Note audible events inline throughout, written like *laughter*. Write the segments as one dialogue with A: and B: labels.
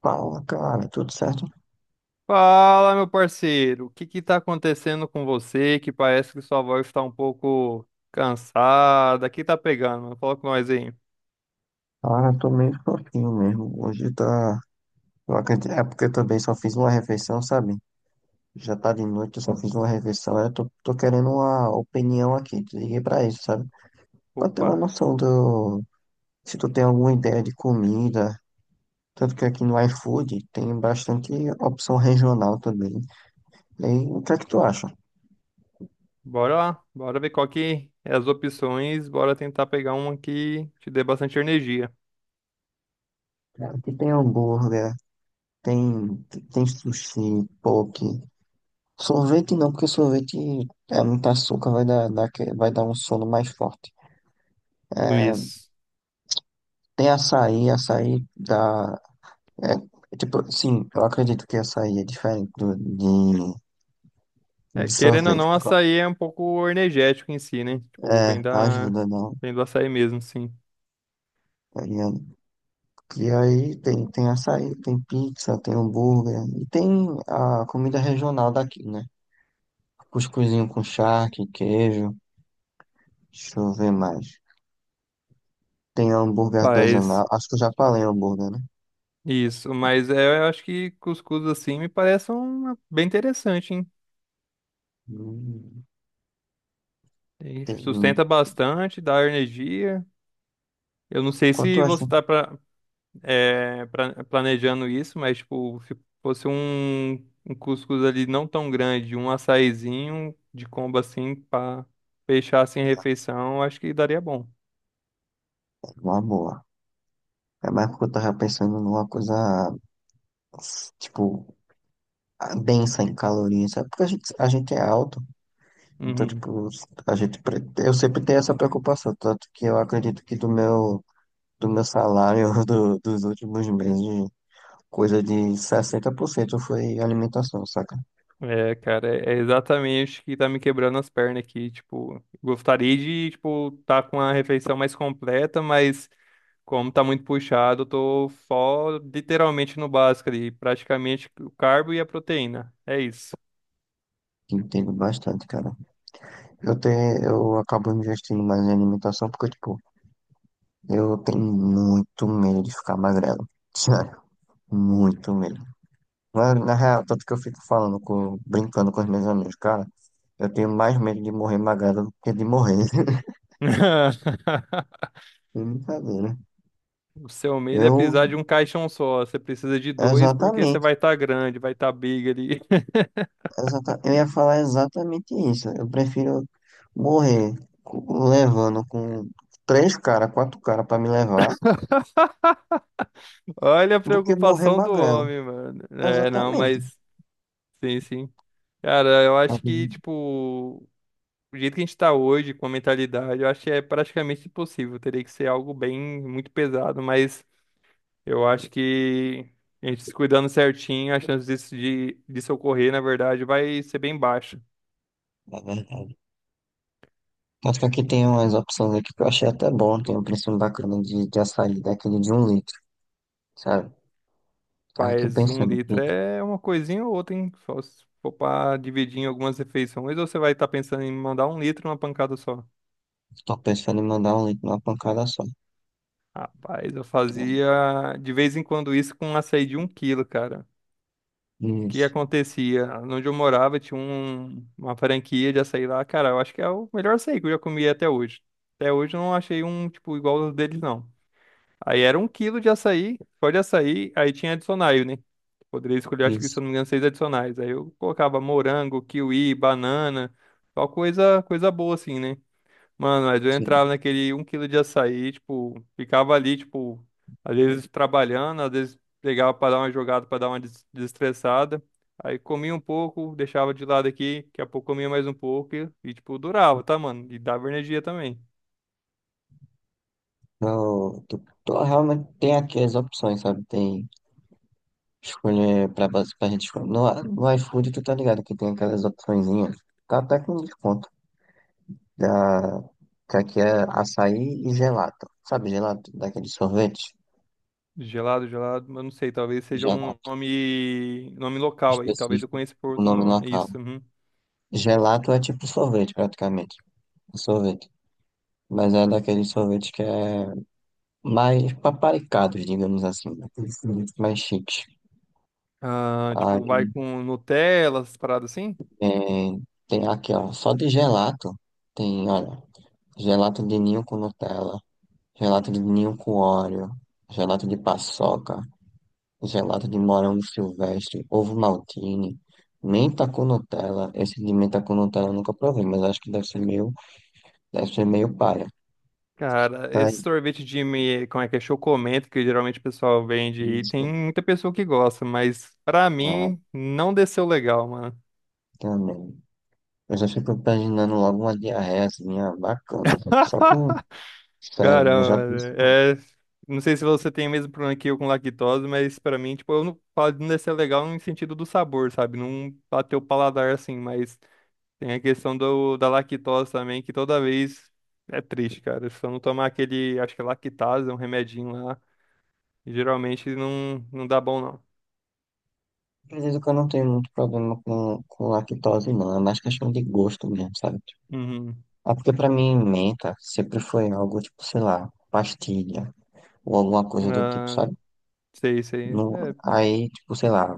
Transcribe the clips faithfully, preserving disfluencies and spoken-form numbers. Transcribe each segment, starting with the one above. A: Fala, cara, tudo certo?
B: Fala, meu parceiro, o que que tá acontecendo com você? Que parece que sua voz tá um pouco cansada. O que tá pegando, mano? Fala com nós aí.
A: Cara, tô meio fraquinho mesmo. Hoje tá. Eu acredito... É porque eu também só fiz uma refeição, sabe? Já tá de noite, eu só fiz uma refeição. Eu tô, tô querendo uma opinião aqui. Te liguei pra isso, sabe? Pra ter uma
B: Opa,
A: noção do. Se tu tem alguma ideia de comida. Tanto que aqui no iFood tem bastante opção regional também. E aí, o que é que tu acha?
B: bora lá, bora ver qual que é as opções, bora tentar pegar uma que te dê bastante energia.
A: Aqui tem hambúrguer, tem, tem, sushi, poke. Sorvete não, porque sorvete é muito açúcar, vai dar, dar, que- vai dar um sono mais forte.
B: Isso.
A: Tem açaí, açaí dá. É, é tipo, sim, eu acredito que açaí é diferente do, de,
B: É,
A: de
B: querendo ou
A: sorvete.
B: não,
A: por causa-
B: açaí é um pouco energético em si, né? Tipo, bem
A: É,
B: da,
A: ajuda, não.
B: bem do açaí mesmo, sim.
A: Tá ligado? E aí tem, tem açaí, tem pizza, tem hambúrguer, e tem a comida regional daqui, né? Cuscuzinho com charque, queijo, deixa eu ver mais. Tem hambúrguer
B: Mas,
A: artesanal, acho que eu já falei hambúrguer, né?
B: isso. Mas é, eu acho que cuscuz assim me parece uma bem interessante, hein?
A: Hum.
B: E
A: Tem
B: sustenta bastante, dá energia. Eu não sei
A: Quanto
B: se
A: eu
B: você
A: acho
B: está pra, é, planejando isso, mas tipo, se fosse um, um cuscuz ali não tão grande, um açaizinho de combo assim para fechar assim a refeição, eu acho que daria bom.
A: uma boa. É mais porque eu tava pensando numa coisa, tipo, ah, densa em calorias, sabe? Porque a gente, a gente é alto, então,
B: Uhum.
A: tipo, a gente, pre- eu sempre tenho essa preocupação, tanto que eu acredito que do meu, do meu salário *laughs* do- dos últimos meses, coisa de sessenta por cento foi alimentação, saca?
B: É, cara, é é exatamente o que tá me quebrando as pernas aqui, tipo, gostaria de, tipo, tá com a refeição mais completa, mas como tá muito puxado, eu tô só literalmente no básico ali, praticamente o carbo e a proteína. É isso.
A: Entendo bastante, cara. Eu tenho, eu acabo investindo mais em alimentação porque, tipo, eu tenho muito medo de ficar magrelo. *laughs* Sério, muito medo. Na, na real, tanto que eu fico falando, com, brincando com os meus amigos, cara, eu tenho mais medo de morrer magrelo do que de morrer. *laughs*
B: *laughs*
A: É brincadeira.
B: O seu medo é
A: Eu,
B: precisar de um caixão só. Você precisa de dois porque você
A: exatamente,
B: vai estar grande, vai estar big ali.
A: exata, eu ia falar exatamente isso. Eu prefiro morrer co- levando com três caras, quatro caras pra me levar,
B: *laughs* Olha a
A: do que morrer
B: preocupação do
A: magrelo.
B: homem, mano. É, não,
A: Exatamente.
B: mas sim, sim. Cara, eu acho que,
A: É
B: tipo, o jeito que a gente tá hoje, com a mentalidade, eu acho que é praticamente impossível. Teria que ser algo bem, muito pesado, mas. Eu acho que a gente se cuidando certinho, a chance disso, de, disso ocorrer, na verdade, vai ser bem baixa.
A: verdade. Tanto que aqui tem umas opções aqui que eu achei até bom. Tem um preço bacana de, de açaí, daquele de um litro, sabe? Tava aqui
B: Mas um
A: pensando. Que
B: litro é uma coisinha ou outra, hein? Só se for pra dividir em algumas refeições, ou você vai estar pensando em mandar um litro numa pancada só?
A: Tô pensando em mandar um link numa pancada só.
B: Rapaz, eu
A: Então,
B: fazia de vez em quando isso com um açaí de um quilo, cara. O que
A: Isso,
B: acontecia? Onde eu morava tinha um- uma franquia de açaí lá. Cara, eu acho que é o melhor açaí que eu já comi até hoje. Até hoje eu não achei um, tipo, igual ao deles, não. Aí era um quilo de açaí, só de açaí, aí tinha adicionais, né? Poderia escolher, acho que se eu
A: isso,
B: não me engano, seis adicionais. Aí eu colocava morango, kiwi, banana, só coisa, coisa boa assim, né? Mano, mas eu
A: sim.
B: entrava naquele um quilo de açaí, tipo, ficava ali, tipo, às vezes trabalhando, às vezes pegava pra dar uma jogada, pra dar uma des- desestressada. Aí comia um pouco, deixava de lado aqui, daqui a pouco comia mais um pouco e, e, tipo, durava, tá, mano? E dava energia também.
A: Eu tô, tô- realmente tem aqui as opções, sabe? Tem escolher pra, base- pra gente escolher. No, no iFood, tu tá ligado que tem aquelas opçõezinhas. Tá até com desconto. Da, que aqui é açaí e gelato. Sabe, gelato? Daquele sorvete?
B: Gelado, gelado, mas não sei, talvez seja um
A: Gelato,
B: nome, nome local aí, talvez eu
A: específico.
B: conheça por
A: O
B: outro
A: nome na
B: nome, é
A: cara.
B: isso. Uhum.
A: Gelato é tipo sorvete, praticamente. É sorvete. Mas é daquele sorvete que é mais paparicados, digamos assim, né? Aqueles produtos mais chiques.
B: Ah, tipo, vai
A: Aí
B: com Nutella, essas paradas assim?
A: é, tem aqui, ó, só de gelato, tem, olha, gelato de ninho com Nutella, gelato de ninho com Oreo, gelato de paçoca, gelato de morango silvestre, ovo maltine, menta com Nutella. Esse de menta com Nutella eu nunca provei, mas acho que deve ser meio, deve ser meio paia.
B: Cara,
A: Tá
B: esse
A: aí.
B: sorvete de, me- como é que é, chocomento, que geralmente o pessoal vende aí, tem
A: Isso,
B: muita pessoa que gosta, mas pra
A: ah,
B: mim, não desceu legal, mano.
A: também. Eu já fico imaginando logo uma diarreia assim, ah, bacana. Só com
B: *laughs* Cara,
A: Sério, eu já
B: mano,
A: pensei.
B: é... não sei se você tem o mesmo problema que eu com lactose, mas pra mim, tipo, eu não falo de não descer legal no sentido do sabor, sabe? Não bateu o paladar assim, mas... Tem a questão do, da lactose também, que toda vez é triste, cara. Se eu não tomar aquele, acho que é lactase, um remedinho lá, geralmente não, não dá bom, não.
A: Acredito que eu não tenho muito problema com, com lactose, não. É mais questão de gosto mesmo, sabe?
B: Uhum.
A: Ah, porque pra mim, menta sempre foi algo, tipo, sei lá, pastilha ou alguma coisa do tipo,
B: Ah,
A: sabe?
B: sei, sei.
A: No,
B: É,
A: Aí, tipo, sei lá,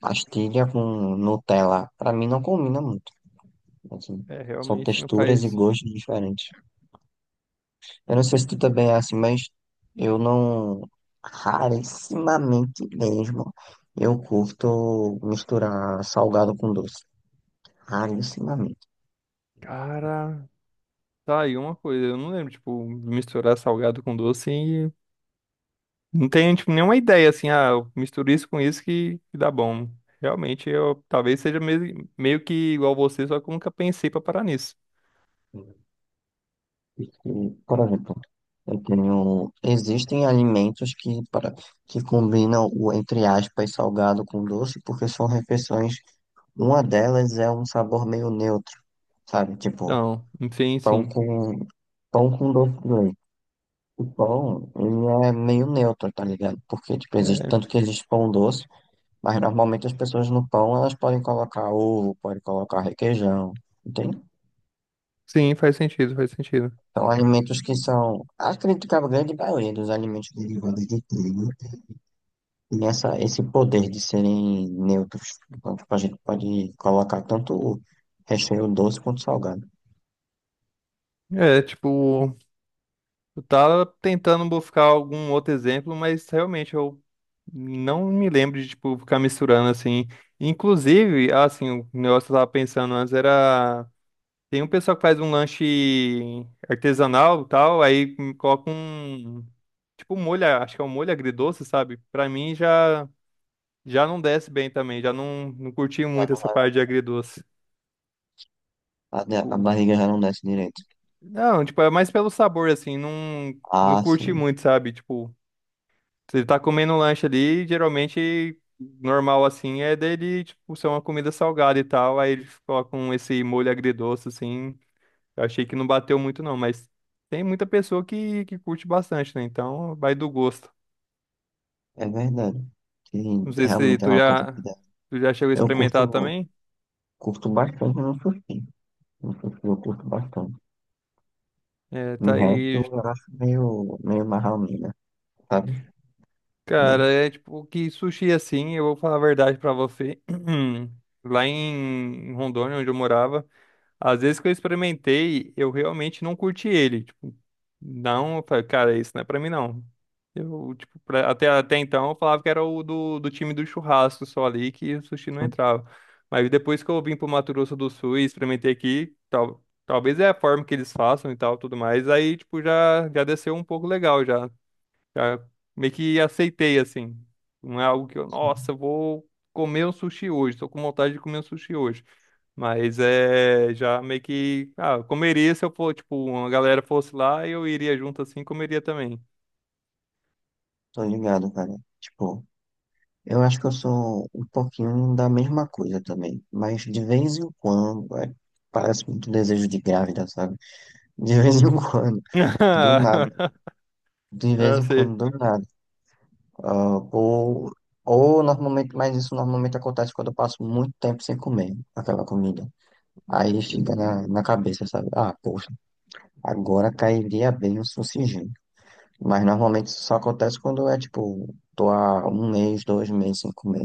A: pastilha com Nutella, pra mim não combina muito assim.
B: é,
A: São
B: realmente não
A: texturas e
B: faz.
A: gostos diferentes. Eu não sei se tu também é assim, mas eu não, rarissimamente mesmo, eu curto misturar salgado com doce. Alucinamento.
B: Cara, tá aí uma coisa. Eu não lembro, tipo, misturar salgado com doce e não tenho, tipo, nenhuma ideia, assim, ah, eu misturo isso com isso que, que dá bom. Realmente, eu talvez seja meio, meio que igual você, só que eu nunca pensei pra parar nisso.
A: Porque, por exemplo, eu tenho. Existem alimentos que, para, que combinam o, entre aspas, salgado com doce, porque são refeições. Uma delas é um sabor meio neutro, sabe? Tipo,
B: Então, enfim,
A: pão
B: sim.
A: com, pão com doce de leite. O pão, ele é meio neutro, tá ligado? Porque, tipo, existe, tanto que existe pão doce, mas normalmente as pessoas no pão, elas podem colocar ovo, podem colocar requeijão. Tem
B: Sim, faz sentido, faz sentido.
A: São alimentos que são, acredito que a grande maioria dos alimentos derivados de trigo tem essa, esse poder de serem neutros. Então, tipo, a gente pode colocar tanto recheio doce quanto salgado.
B: É, tipo, eu tava tentando buscar algum outro exemplo, mas realmente eu não me lembro de, tipo, ficar misturando assim. Inclusive, assim, o negócio que eu tava pensando antes era. Tem um pessoal que faz um lanche artesanal e tal, aí coloca um. Tipo, molho, acho que é um molho agridoce, sabe? Pra mim já, já não desce bem também, já não, não curti
A: Já
B: muito
A: não
B: essa
A: vai-
B: parte de agridoce.
A: a, a
B: Tipo,
A: barriga já não desce direito.
B: não, tipo, é mais pelo sabor, assim, não, não
A: Ah,
B: curti
A: sim,
B: muito, sabe? Tipo, você tá comendo um lanche ali, geralmente normal, assim, é dele, tipo, ser uma comida salgada e tal, aí eles colocam esse molho agridoce, assim, eu achei que não bateu muito não, mas tem muita pessoa que, que curte bastante, né? Então, vai do gosto.
A: é verdade. Que
B: Não sei se
A: realmente é
B: tu
A: uma coisa que
B: já,
A: dá.
B: tu já chegou a
A: Eu
B: experimentar
A: curto,
B: também,
A: curto bastante no sushi. No sushi eu curto bastante.
B: é,
A: Em
B: tá
A: resto,
B: aí.
A: eu acho meio, meio marra-mina, sabe?
B: Cara,
A: Meio-
B: é tipo que sushi assim, eu vou falar a verdade pra você. *clears throat* Lá em em Rondônia, onde eu morava, às vezes que eu experimentei, eu realmente não curti ele. Tipo, não, eu falei, cara, isso não é pra mim não. Eu, tipo, pra- até, até então eu falava que era o do, do time do churrasco só ali, que o sushi não entrava. Mas depois que eu vim pro Mato Grosso do Sul e experimentei aqui, tal, talvez é a forma que eles façam e tal, tudo mais, aí, tipo, já, já desceu um pouco legal já. Já meio que aceitei, assim. Não é algo que eu, nossa, eu vou comer um sushi hoje, tô com vontade de comer um sushi hoje. Mas é, já meio que, ah, eu comeria se eu for, tipo, uma galera fosse lá, eu iria junto assim, e comeria também.
A: Tô ligado, cara. Tipo. Eu acho que eu sou um pouquinho da mesma coisa também, mas de vez em quando, é, parece muito desejo de grávida, sabe? *laughs* De vez em *laughs* quando, do nada,
B: *laughs*
A: de vez
B: Ah,
A: em quando,
B: sei.
A: do nada. Ah, ou, ou normalmente, mas isso normalmente acontece quando eu passo muito tempo sem comer aquela comida. Aí fica na, na cabeça, sabe? Ah, poxa, agora cairia bem o sucingem. Mas normalmente isso só acontece quando é tipo, tô há um mês, dois meses sem comer.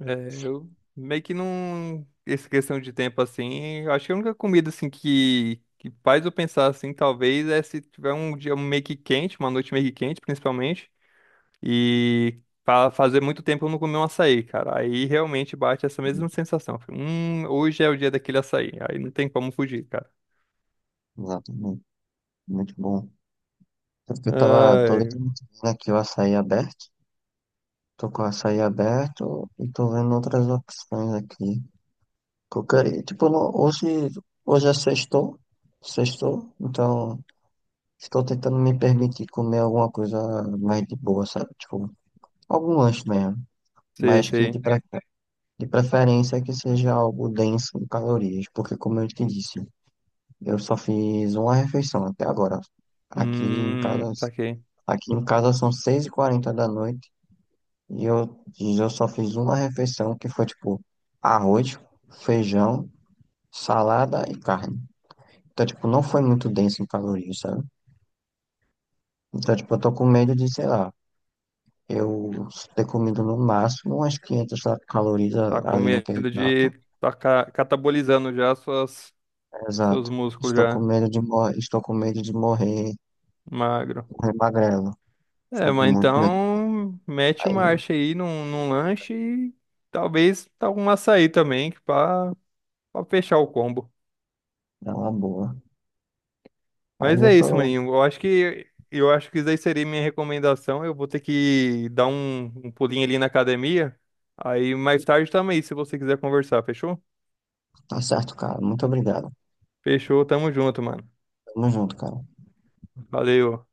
B: É, eu meio que não. Essa questão de tempo assim, eu acho que a única comida assim que, que faz eu pensar assim, talvez, é se tiver um dia meio que quente, uma noite meio que quente, principalmente. E fa- fazer muito tempo eu não comi um açaí, cara. Aí realmente bate essa mesma sensação. Fica. Hum, hoje é o dia daquele açaí. Aí não tem como fugir, cara.
A: Exatamente, muito bom. Tanto que Eu tava, tô
B: Ai,
A: literalmente vendo aqui o açaí aberto. Tô com o açaí aberto e tô vendo outras opções aqui. Qualquer, tipo, no- hoje, hoje é sextou, sextou, então estou tentando me permitir comer alguma coisa mais de boa, sabe? Tipo, algum lanche mesmo,
B: sei,
A: mas que de,
B: sei.
A: pre- de preferência que seja algo denso em calorias, porque como eu te disse, eu só fiz uma refeição até agora. Aqui em
B: Hum,
A: casa,
B: saquei.
A: aqui em casa são seis e quarenta da noite. E eu, e eu só fiz uma refeição que foi tipo arroz, feijão, salada e carne. Então, tipo, não foi muito denso em calorias, sabe? Então, tipo, eu tô com medo de, sei lá, eu ter comido no máximo umas quinhentas calorias
B: Tá
A: a-
B: com
A: ali naquele
B: medo
A: prato.
B: de tá ca- catabolizando já suas, seus
A: Exato.
B: músculos
A: Estou com
B: já
A: medo de morrer, estou com medo de morrer,
B: magro.
A: morrer magrelo.
B: É,
A: Estou com
B: mas
A: muito medo.
B: então mete
A: Aí,
B: marcha aí num, num lanche e talvez tá um açaí também, que pra, pra fechar o combo.
A: dá uma boa. Aí
B: Mas
A: eu
B: é isso,
A: tô,
B: maninho. Eu acho que eu acho que isso aí seria minha recomendação. Eu vou ter que dar um, um pulinho ali na academia. Aí mais tarde também, se você quiser conversar, fechou?
A: tá certo, cara. Muito obrigado.
B: Fechou, tamo junto, mano.
A: Tamo junto, cara.
B: Valeu.